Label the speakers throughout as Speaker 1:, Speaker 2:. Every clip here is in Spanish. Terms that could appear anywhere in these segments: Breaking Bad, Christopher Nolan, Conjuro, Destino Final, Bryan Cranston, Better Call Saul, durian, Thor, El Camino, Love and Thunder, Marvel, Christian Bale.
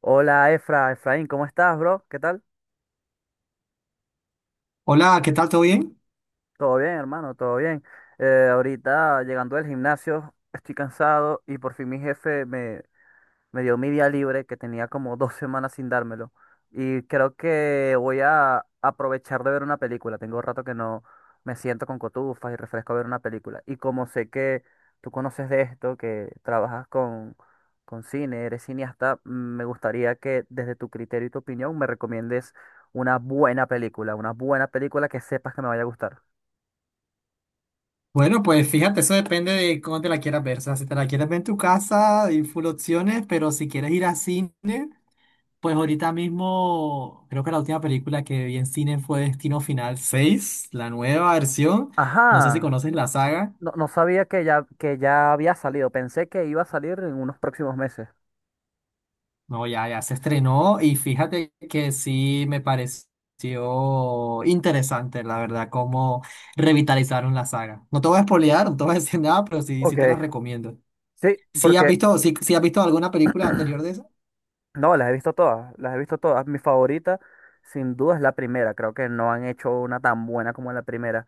Speaker 1: Hola Efra, Efraín, ¿cómo estás, bro? ¿Qué tal?
Speaker 2: Hola, ¿qué tal? ¿Todo bien?
Speaker 1: Todo bien, hermano, todo bien. Ahorita llegando del gimnasio, estoy cansado y por fin mi jefe me dio mi día libre que tenía como dos semanas sin dármelo. Y creo que voy a aprovechar de ver una película. Tengo rato que no me siento con cotufas y refresco a ver una película. Y como sé que tú conoces de esto, que con cine, eres cineasta, me gustaría que desde tu criterio y tu opinión me recomiendes una buena película que sepas que me vaya a gustar.
Speaker 2: Bueno, pues fíjate, eso depende de cómo te la quieras ver. O sea, si te la quieres ver en tu casa, hay full opciones, pero si quieres ir a cine, pues ahorita mismo creo que la última película que vi en cine fue Destino Final seis, la nueva versión. No sé si
Speaker 1: Ajá,
Speaker 2: conoces la saga.
Speaker 1: no, no sabía que ya había salido. Pensé que iba a salir en unos próximos meses.
Speaker 2: No, ya, ya se estrenó y fíjate que sí me pareció interesante, la verdad, cómo revitalizaron la saga. No te voy a spoilear, no te voy a decir nada, pero sí, sí
Speaker 1: Ok.
Speaker 2: te la recomiendo.
Speaker 1: Sí,
Speaker 2: ¿Sí has
Speaker 1: porque
Speaker 2: visto, sí, sí has visto alguna película anterior de esa?
Speaker 1: no, las he visto todas, las he visto todas. Mi favorita, sin duda, es la primera. Creo que no han hecho una tan buena como la primera.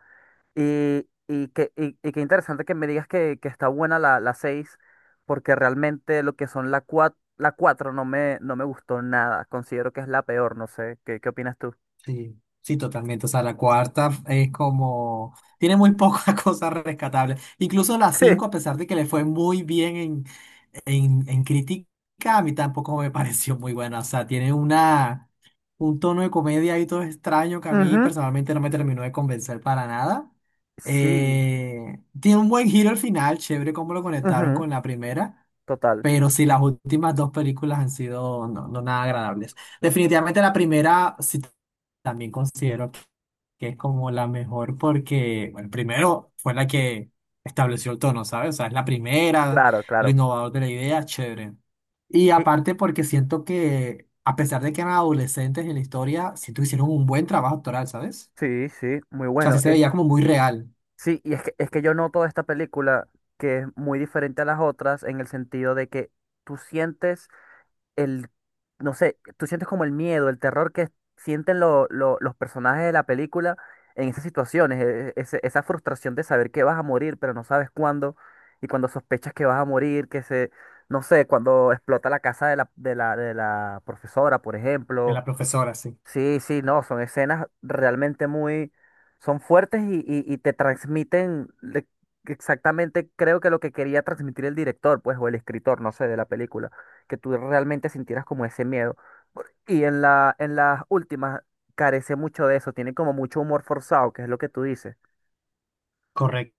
Speaker 1: Y qué interesante que me digas que está buena la 6, porque realmente lo que son la 4 no no me gustó nada. Considero que es la peor, no sé, qué opinas tú?
Speaker 2: Sí, sí, totalmente. O sea, la cuarta es como... Tiene muy pocas cosas rescatables. Incluso la cinco, a pesar de que le fue muy bien en, en crítica, a mí tampoco me pareció muy buena. O sea, tiene una, un tono de comedia ahí todo extraño que a
Speaker 1: Sí,
Speaker 2: mí
Speaker 1: ujú,
Speaker 2: personalmente no me terminó de convencer para nada.
Speaker 1: sí,
Speaker 2: Tiene un buen giro al final, chévere cómo lo conectaron
Speaker 1: ujú,
Speaker 2: con la primera.
Speaker 1: total,
Speaker 2: Pero sí, las últimas dos películas han sido no, no nada agradables. Definitivamente la primera sí también considero que es como la mejor porque, bueno, primero fue la que estableció el tono, ¿sabes? O sea, es la primera,
Speaker 1: claro,
Speaker 2: lo
Speaker 1: claro.
Speaker 2: innovador de la idea, chévere. Y
Speaker 1: Y-
Speaker 2: aparte porque siento que, a pesar de que eran adolescentes en la historia, siento que hicieron un buen trabajo actoral, ¿sabes?
Speaker 1: sí, sí, muy
Speaker 2: O sea, sí
Speaker 1: bueno.
Speaker 2: se veía como muy real
Speaker 1: Sí, y es es que yo noto esta película que es muy diferente a las otras en el sentido de que tú sientes el, no sé, tú sientes como el miedo, el terror que sienten los personajes de la película en esas situaciones, esa frustración de saber que vas a morir, pero no sabes cuándo, y cuando sospechas que vas a morir, no sé, cuando explota la casa de la profesora, por
Speaker 2: de
Speaker 1: ejemplo.
Speaker 2: la profesora, sí.
Speaker 1: Sí, sí, no, son escenas realmente muy, son fuertes y te transmiten exactamente, creo que lo que quería transmitir el director, pues, o el escritor, no sé, de la película, que tú realmente sintieras como ese miedo. Y en en las últimas carece mucho de eso, tiene como mucho humor forzado, que es lo que tú dices.
Speaker 2: Correcto.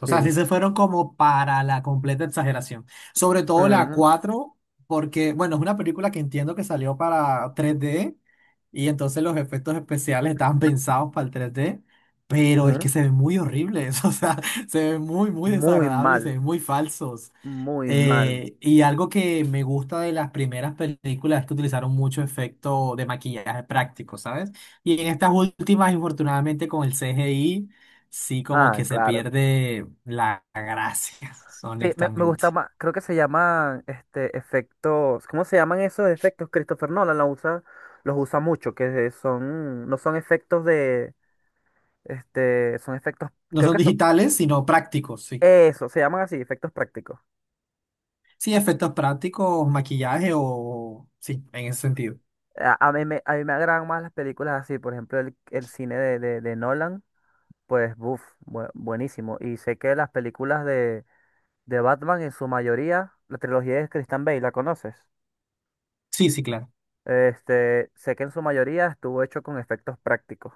Speaker 2: O sea, sí
Speaker 1: Sí.
Speaker 2: se fueron como para la completa exageración. Sobre todo la
Speaker 1: Ujú,
Speaker 2: 4, porque, bueno, es una película que entiendo que salió para 3D y entonces los efectos especiales estaban pensados para el 3D pero es que
Speaker 1: ujú.
Speaker 2: se ven muy horribles, o sea, se ven muy, muy
Speaker 1: Muy
Speaker 2: desagradables, se
Speaker 1: mal,
Speaker 2: ven muy falsos.
Speaker 1: muy mal.
Speaker 2: Y algo que me gusta de las primeras películas es que utilizaron mucho efecto de maquillaje práctico, ¿sabes? Y en estas últimas, infortunadamente, con el CGI, sí como
Speaker 1: Ah,
Speaker 2: que se
Speaker 1: claro.
Speaker 2: pierde la gracia,
Speaker 1: Sí, me
Speaker 2: honestamente.
Speaker 1: gusta más, creo que se llaman este efectos, ¿cómo se llaman esos efectos? Christopher Nolan los usa mucho, que son, no son efectos de, este, son efectos,
Speaker 2: No
Speaker 1: creo
Speaker 2: son
Speaker 1: que son,
Speaker 2: digitales, sino prácticos, sí.
Speaker 1: eso, se llaman así, efectos prácticos.
Speaker 2: Sí, efectos prácticos, maquillaje o... Sí, en ese sentido.
Speaker 1: A mí me agradan más las películas así, por ejemplo, el cine de Nolan, pues, buf, buenísimo. Y sé que las películas de Batman en su mayoría, la trilogía de Christian Bale, ¿la conoces?
Speaker 2: Sí, sí, claro.
Speaker 1: Este, sé que en su mayoría estuvo hecho con efectos prácticos.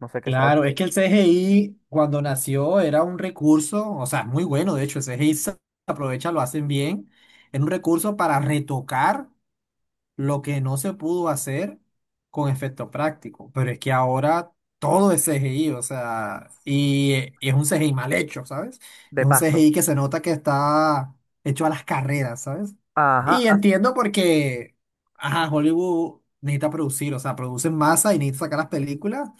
Speaker 1: No sé qué sabes
Speaker 2: Claro, es
Speaker 1: tú.
Speaker 2: que el CGI cuando nació era un recurso, o sea, muy bueno, de hecho, el CGI se aprovecha, lo hacen bien, era un recurso para retocar lo que no se pudo hacer con efecto práctico, pero es que ahora todo es CGI, o sea, y es un CGI mal hecho, ¿sabes?
Speaker 1: De
Speaker 2: Es un
Speaker 1: paso.
Speaker 2: CGI que se nota que está hecho a las carreras, ¿sabes?
Speaker 1: Ajá.
Speaker 2: Y entiendo porque, ajá, Hollywood necesita producir, o sea, produce en masa y necesita sacar las películas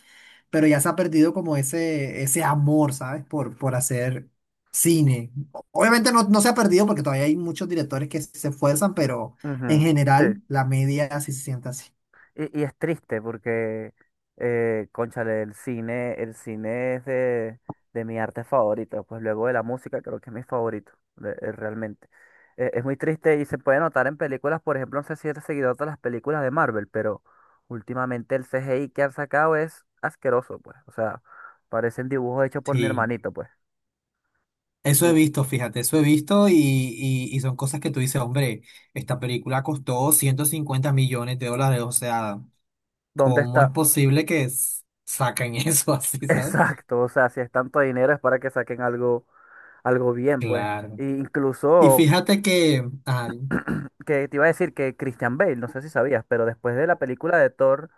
Speaker 2: pero ya se ha perdido como ese amor, ¿sabes? Por hacer cine. Obviamente no, no se ha perdido porque todavía hay muchos directores que se esfuerzan, pero en
Speaker 1: Ujú, sí.
Speaker 2: general la media sí se siente así.
Speaker 1: Y es triste porque, cónchale, el cine es de mi arte favorito. Pues luego de la música creo que es mi favorito, realmente. Es muy triste y se puede notar en películas, por ejemplo, no sé si eres seguidor de las películas de Marvel, pero últimamente el CGI que han sacado es asqueroso, pues. O sea, parecen dibujos hechos por mi
Speaker 2: Sí,
Speaker 1: hermanito, pues.
Speaker 2: eso he
Speaker 1: ¿Y
Speaker 2: visto, fíjate, eso he visto y son cosas que tú dices, hombre, esta película costó $150 millones, o sea,
Speaker 1: dónde
Speaker 2: ¿cómo es
Speaker 1: está?
Speaker 2: posible que saquen eso así, ¿sabes?
Speaker 1: Exacto, o sea, si es tanto dinero es para que saquen algo, algo bien, pues.
Speaker 2: Claro.
Speaker 1: E
Speaker 2: Y
Speaker 1: incluso
Speaker 2: fíjate que, ay,
Speaker 1: que te iba a decir que Christian Bale, no sé si sabías, pero después de la película de Thor,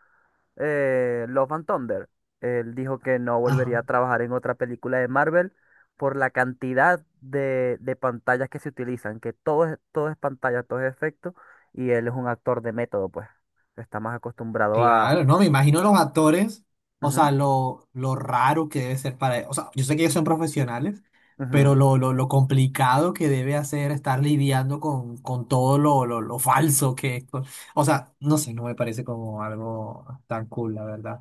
Speaker 1: Love and Thunder, él dijo que no volvería
Speaker 2: ajá.
Speaker 1: a trabajar en otra película de Marvel por la cantidad de pantallas que se utilizan, que todo es pantalla, todo es efecto, y él es un actor de método, pues. Está más acostumbrado a...
Speaker 2: Claro, no, me imagino los actores, o
Speaker 1: Ujú,
Speaker 2: sea, lo raro que debe ser para ellos. O sea, yo sé que ellos son profesionales, pero
Speaker 1: ujú,
Speaker 2: lo complicado que debe hacer estar lidiando con todo lo falso que es. O sea, no sé, no me parece como algo tan cool, la verdad.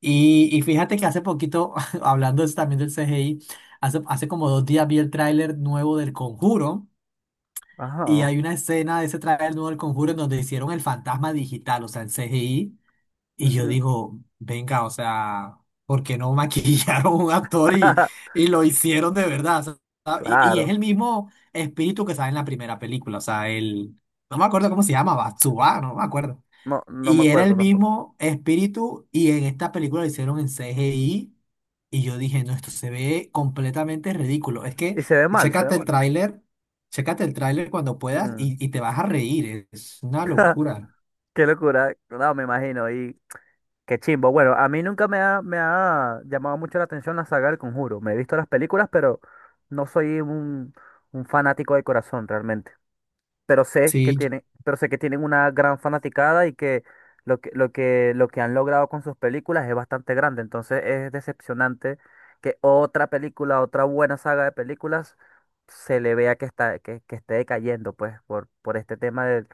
Speaker 2: Y fíjate que hace poquito, hablando es también del CGI, hace, hace como 2 días vi el tráiler nuevo del Conjuro. Y
Speaker 1: ajá,
Speaker 2: hay una escena de ese tráiler nuevo del Conjuro en donde hicieron el fantasma digital, o sea, el CGI y yo
Speaker 1: ujú,
Speaker 2: digo, venga, o sea, ¿por qué no maquillaron a un actor y lo hicieron de verdad? O sea, y
Speaker 1: claro.
Speaker 2: es el mismo espíritu que sale en la primera película, o sea, el, no me acuerdo cómo se llama, Batsuba, no me acuerdo.
Speaker 1: No, no me
Speaker 2: Y era el
Speaker 1: acuerdo tampoco.
Speaker 2: mismo espíritu y en esta película lo hicieron en CGI y yo dije, no, esto se ve completamente ridículo. Es que,
Speaker 1: Y se ve mal, se ve
Speaker 2: chécate el
Speaker 1: mal.
Speaker 2: tráiler, chécate el tráiler cuando puedas
Speaker 1: Mm.
Speaker 2: y te vas a reír, es una locura.
Speaker 1: Qué locura. No, me imagino. Y qué chimbo. Bueno, a mí nunca me ha llamado mucho la atención la saga del Conjuro. Me he visto las películas, pero no soy un fanático de corazón realmente. Pero sé que
Speaker 2: Sí,
Speaker 1: tienen, pero sé que tienen una gran fanaticada y que lo lo que han logrado con sus películas es bastante grande. Entonces es decepcionante que otra película, otra buena saga de películas, se le vea que está, que esté decayendo, pues, por este tema del,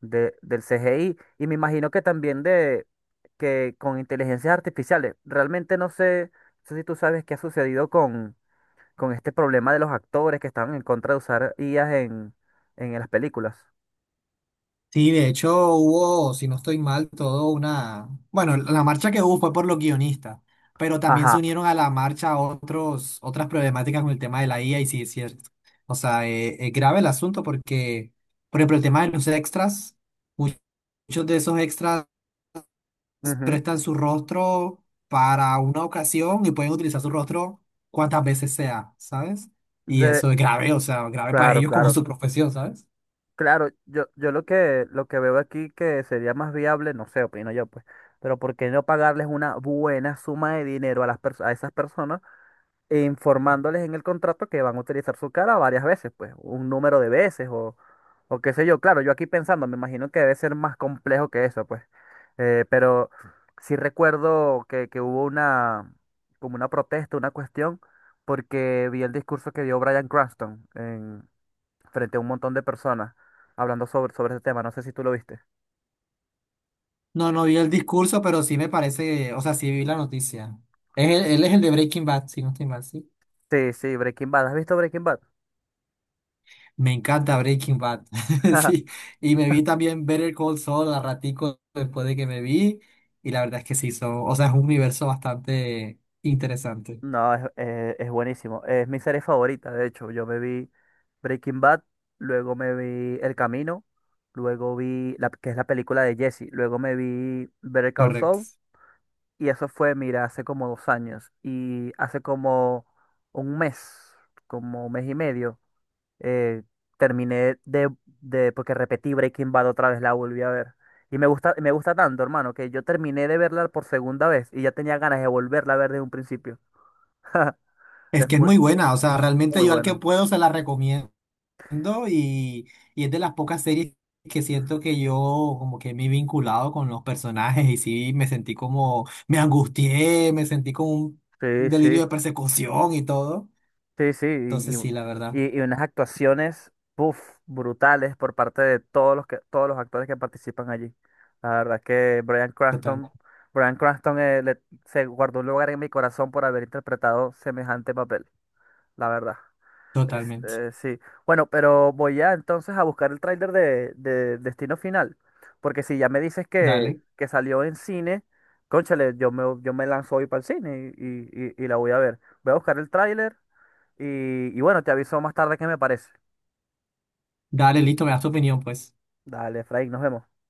Speaker 1: de- del CGI. Y me imagino que también de que con inteligencias artificiales. Realmente no sé, no sé si tú sabes qué ha sucedido con este problema de los actores que estaban en contra de usar IAs en las películas.
Speaker 2: sí, de hecho hubo, si no estoy mal, todo una... Bueno, la marcha que hubo fue por los guionistas, pero también se
Speaker 1: Ajá.
Speaker 2: unieron a la marcha otros, otras problemáticas con el tema de la IA y sí, es cierto. O sea, es grave el asunto porque, por ejemplo, el tema de los extras, mu- muchos de esos extras
Speaker 1: Ujú.
Speaker 2: prestan su rostro para una ocasión y pueden utilizar su rostro cuantas veces sea, ¿sabes? Y
Speaker 1: De,
Speaker 2: eso es grave, o sea, grave para
Speaker 1: claro,
Speaker 2: ellos como
Speaker 1: claro.
Speaker 2: su profesión, ¿sabes?
Speaker 1: Claro, yo lo lo que veo aquí que sería más viable, no sé, opino yo, pues, pero ¿por qué no pagarles una buena suma de dinero a a esas personas? E informándoles en el contrato que van a utilizar su cara varias veces, pues un número de veces o qué sé yo. Claro, yo aquí pensando, me imagino que debe ser más complejo que eso, pues. Pero sí recuerdo que hubo una, como una protesta, una cuestión, porque vi el discurso que dio Bryan Cranston frente a un montón de personas hablando sobre, sobre ese tema. No sé si tú lo viste.
Speaker 2: No, no vi el discurso, pero sí me parece, o sea, sí vi la noticia. Es él es el de Breaking Bad, si no estoy mal, sí.
Speaker 1: Sí, sí, Breaking Bad. ¿Has visto Breaking Bad?
Speaker 2: Me encanta Breaking Bad, sí. Y me vi también Better Call Saul a ratico después de que me vi. Y la verdad es que sí, son, o sea, es un universo bastante interesante.
Speaker 1: No, es buenísimo. Es mi serie favorita, de hecho. Yo me vi Breaking Bad, luego me vi El Camino, luego que es la película de Jesse, luego me vi Better Call
Speaker 2: Correcto.
Speaker 1: Saul, y eso fue, mira, hace como dos años. Y hace un mes, como un mes y medio, eh, terminé porque repetí Breaking Bad otra vez, la volví a ver. Y me gusta tanto, hermano, que yo terminé de verla por segunda vez y ya tenía ganas de volverla a ver desde un principio.
Speaker 2: Es
Speaker 1: Es
Speaker 2: que es
Speaker 1: muy,
Speaker 2: muy buena, o sea, realmente
Speaker 1: muy
Speaker 2: yo al que
Speaker 1: buena.
Speaker 2: puedo se la recomiendo. Viendo y es de las pocas series que siento que yo como que me he vinculado con los personajes y sí me sentí como, me angustié, me sentí como un
Speaker 1: Sí,
Speaker 2: delirio de
Speaker 1: sí,
Speaker 2: persecución y todo.
Speaker 1: sí, sí.
Speaker 2: Entonces sí, la verdad,
Speaker 1: Y, y unas actuaciones, puff, brutales por parte de todos los todos los actores que participan allí. La verdad que Bryan
Speaker 2: totalmente,
Speaker 1: Bryan Cranston se guardó un lugar en mi corazón por haber interpretado semejante papel, la verdad.
Speaker 2: totalmente.
Speaker 1: Este, sí. Bueno, pero voy ya entonces a buscar el tráiler de Destino Final. Porque si ya me dices
Speaker 2: Dale,
Speaker 1: que salió en cine, cónchale, yo me lanzo hoy para el cine y la voy a ver. Voy a buscar el tráiler y, y bueno, te aviso más tarde qué me parece.
Speaker 2: dale, listo, me das tu opinión, pues.
Speaker 1: Dale, Efraín, nos vemos.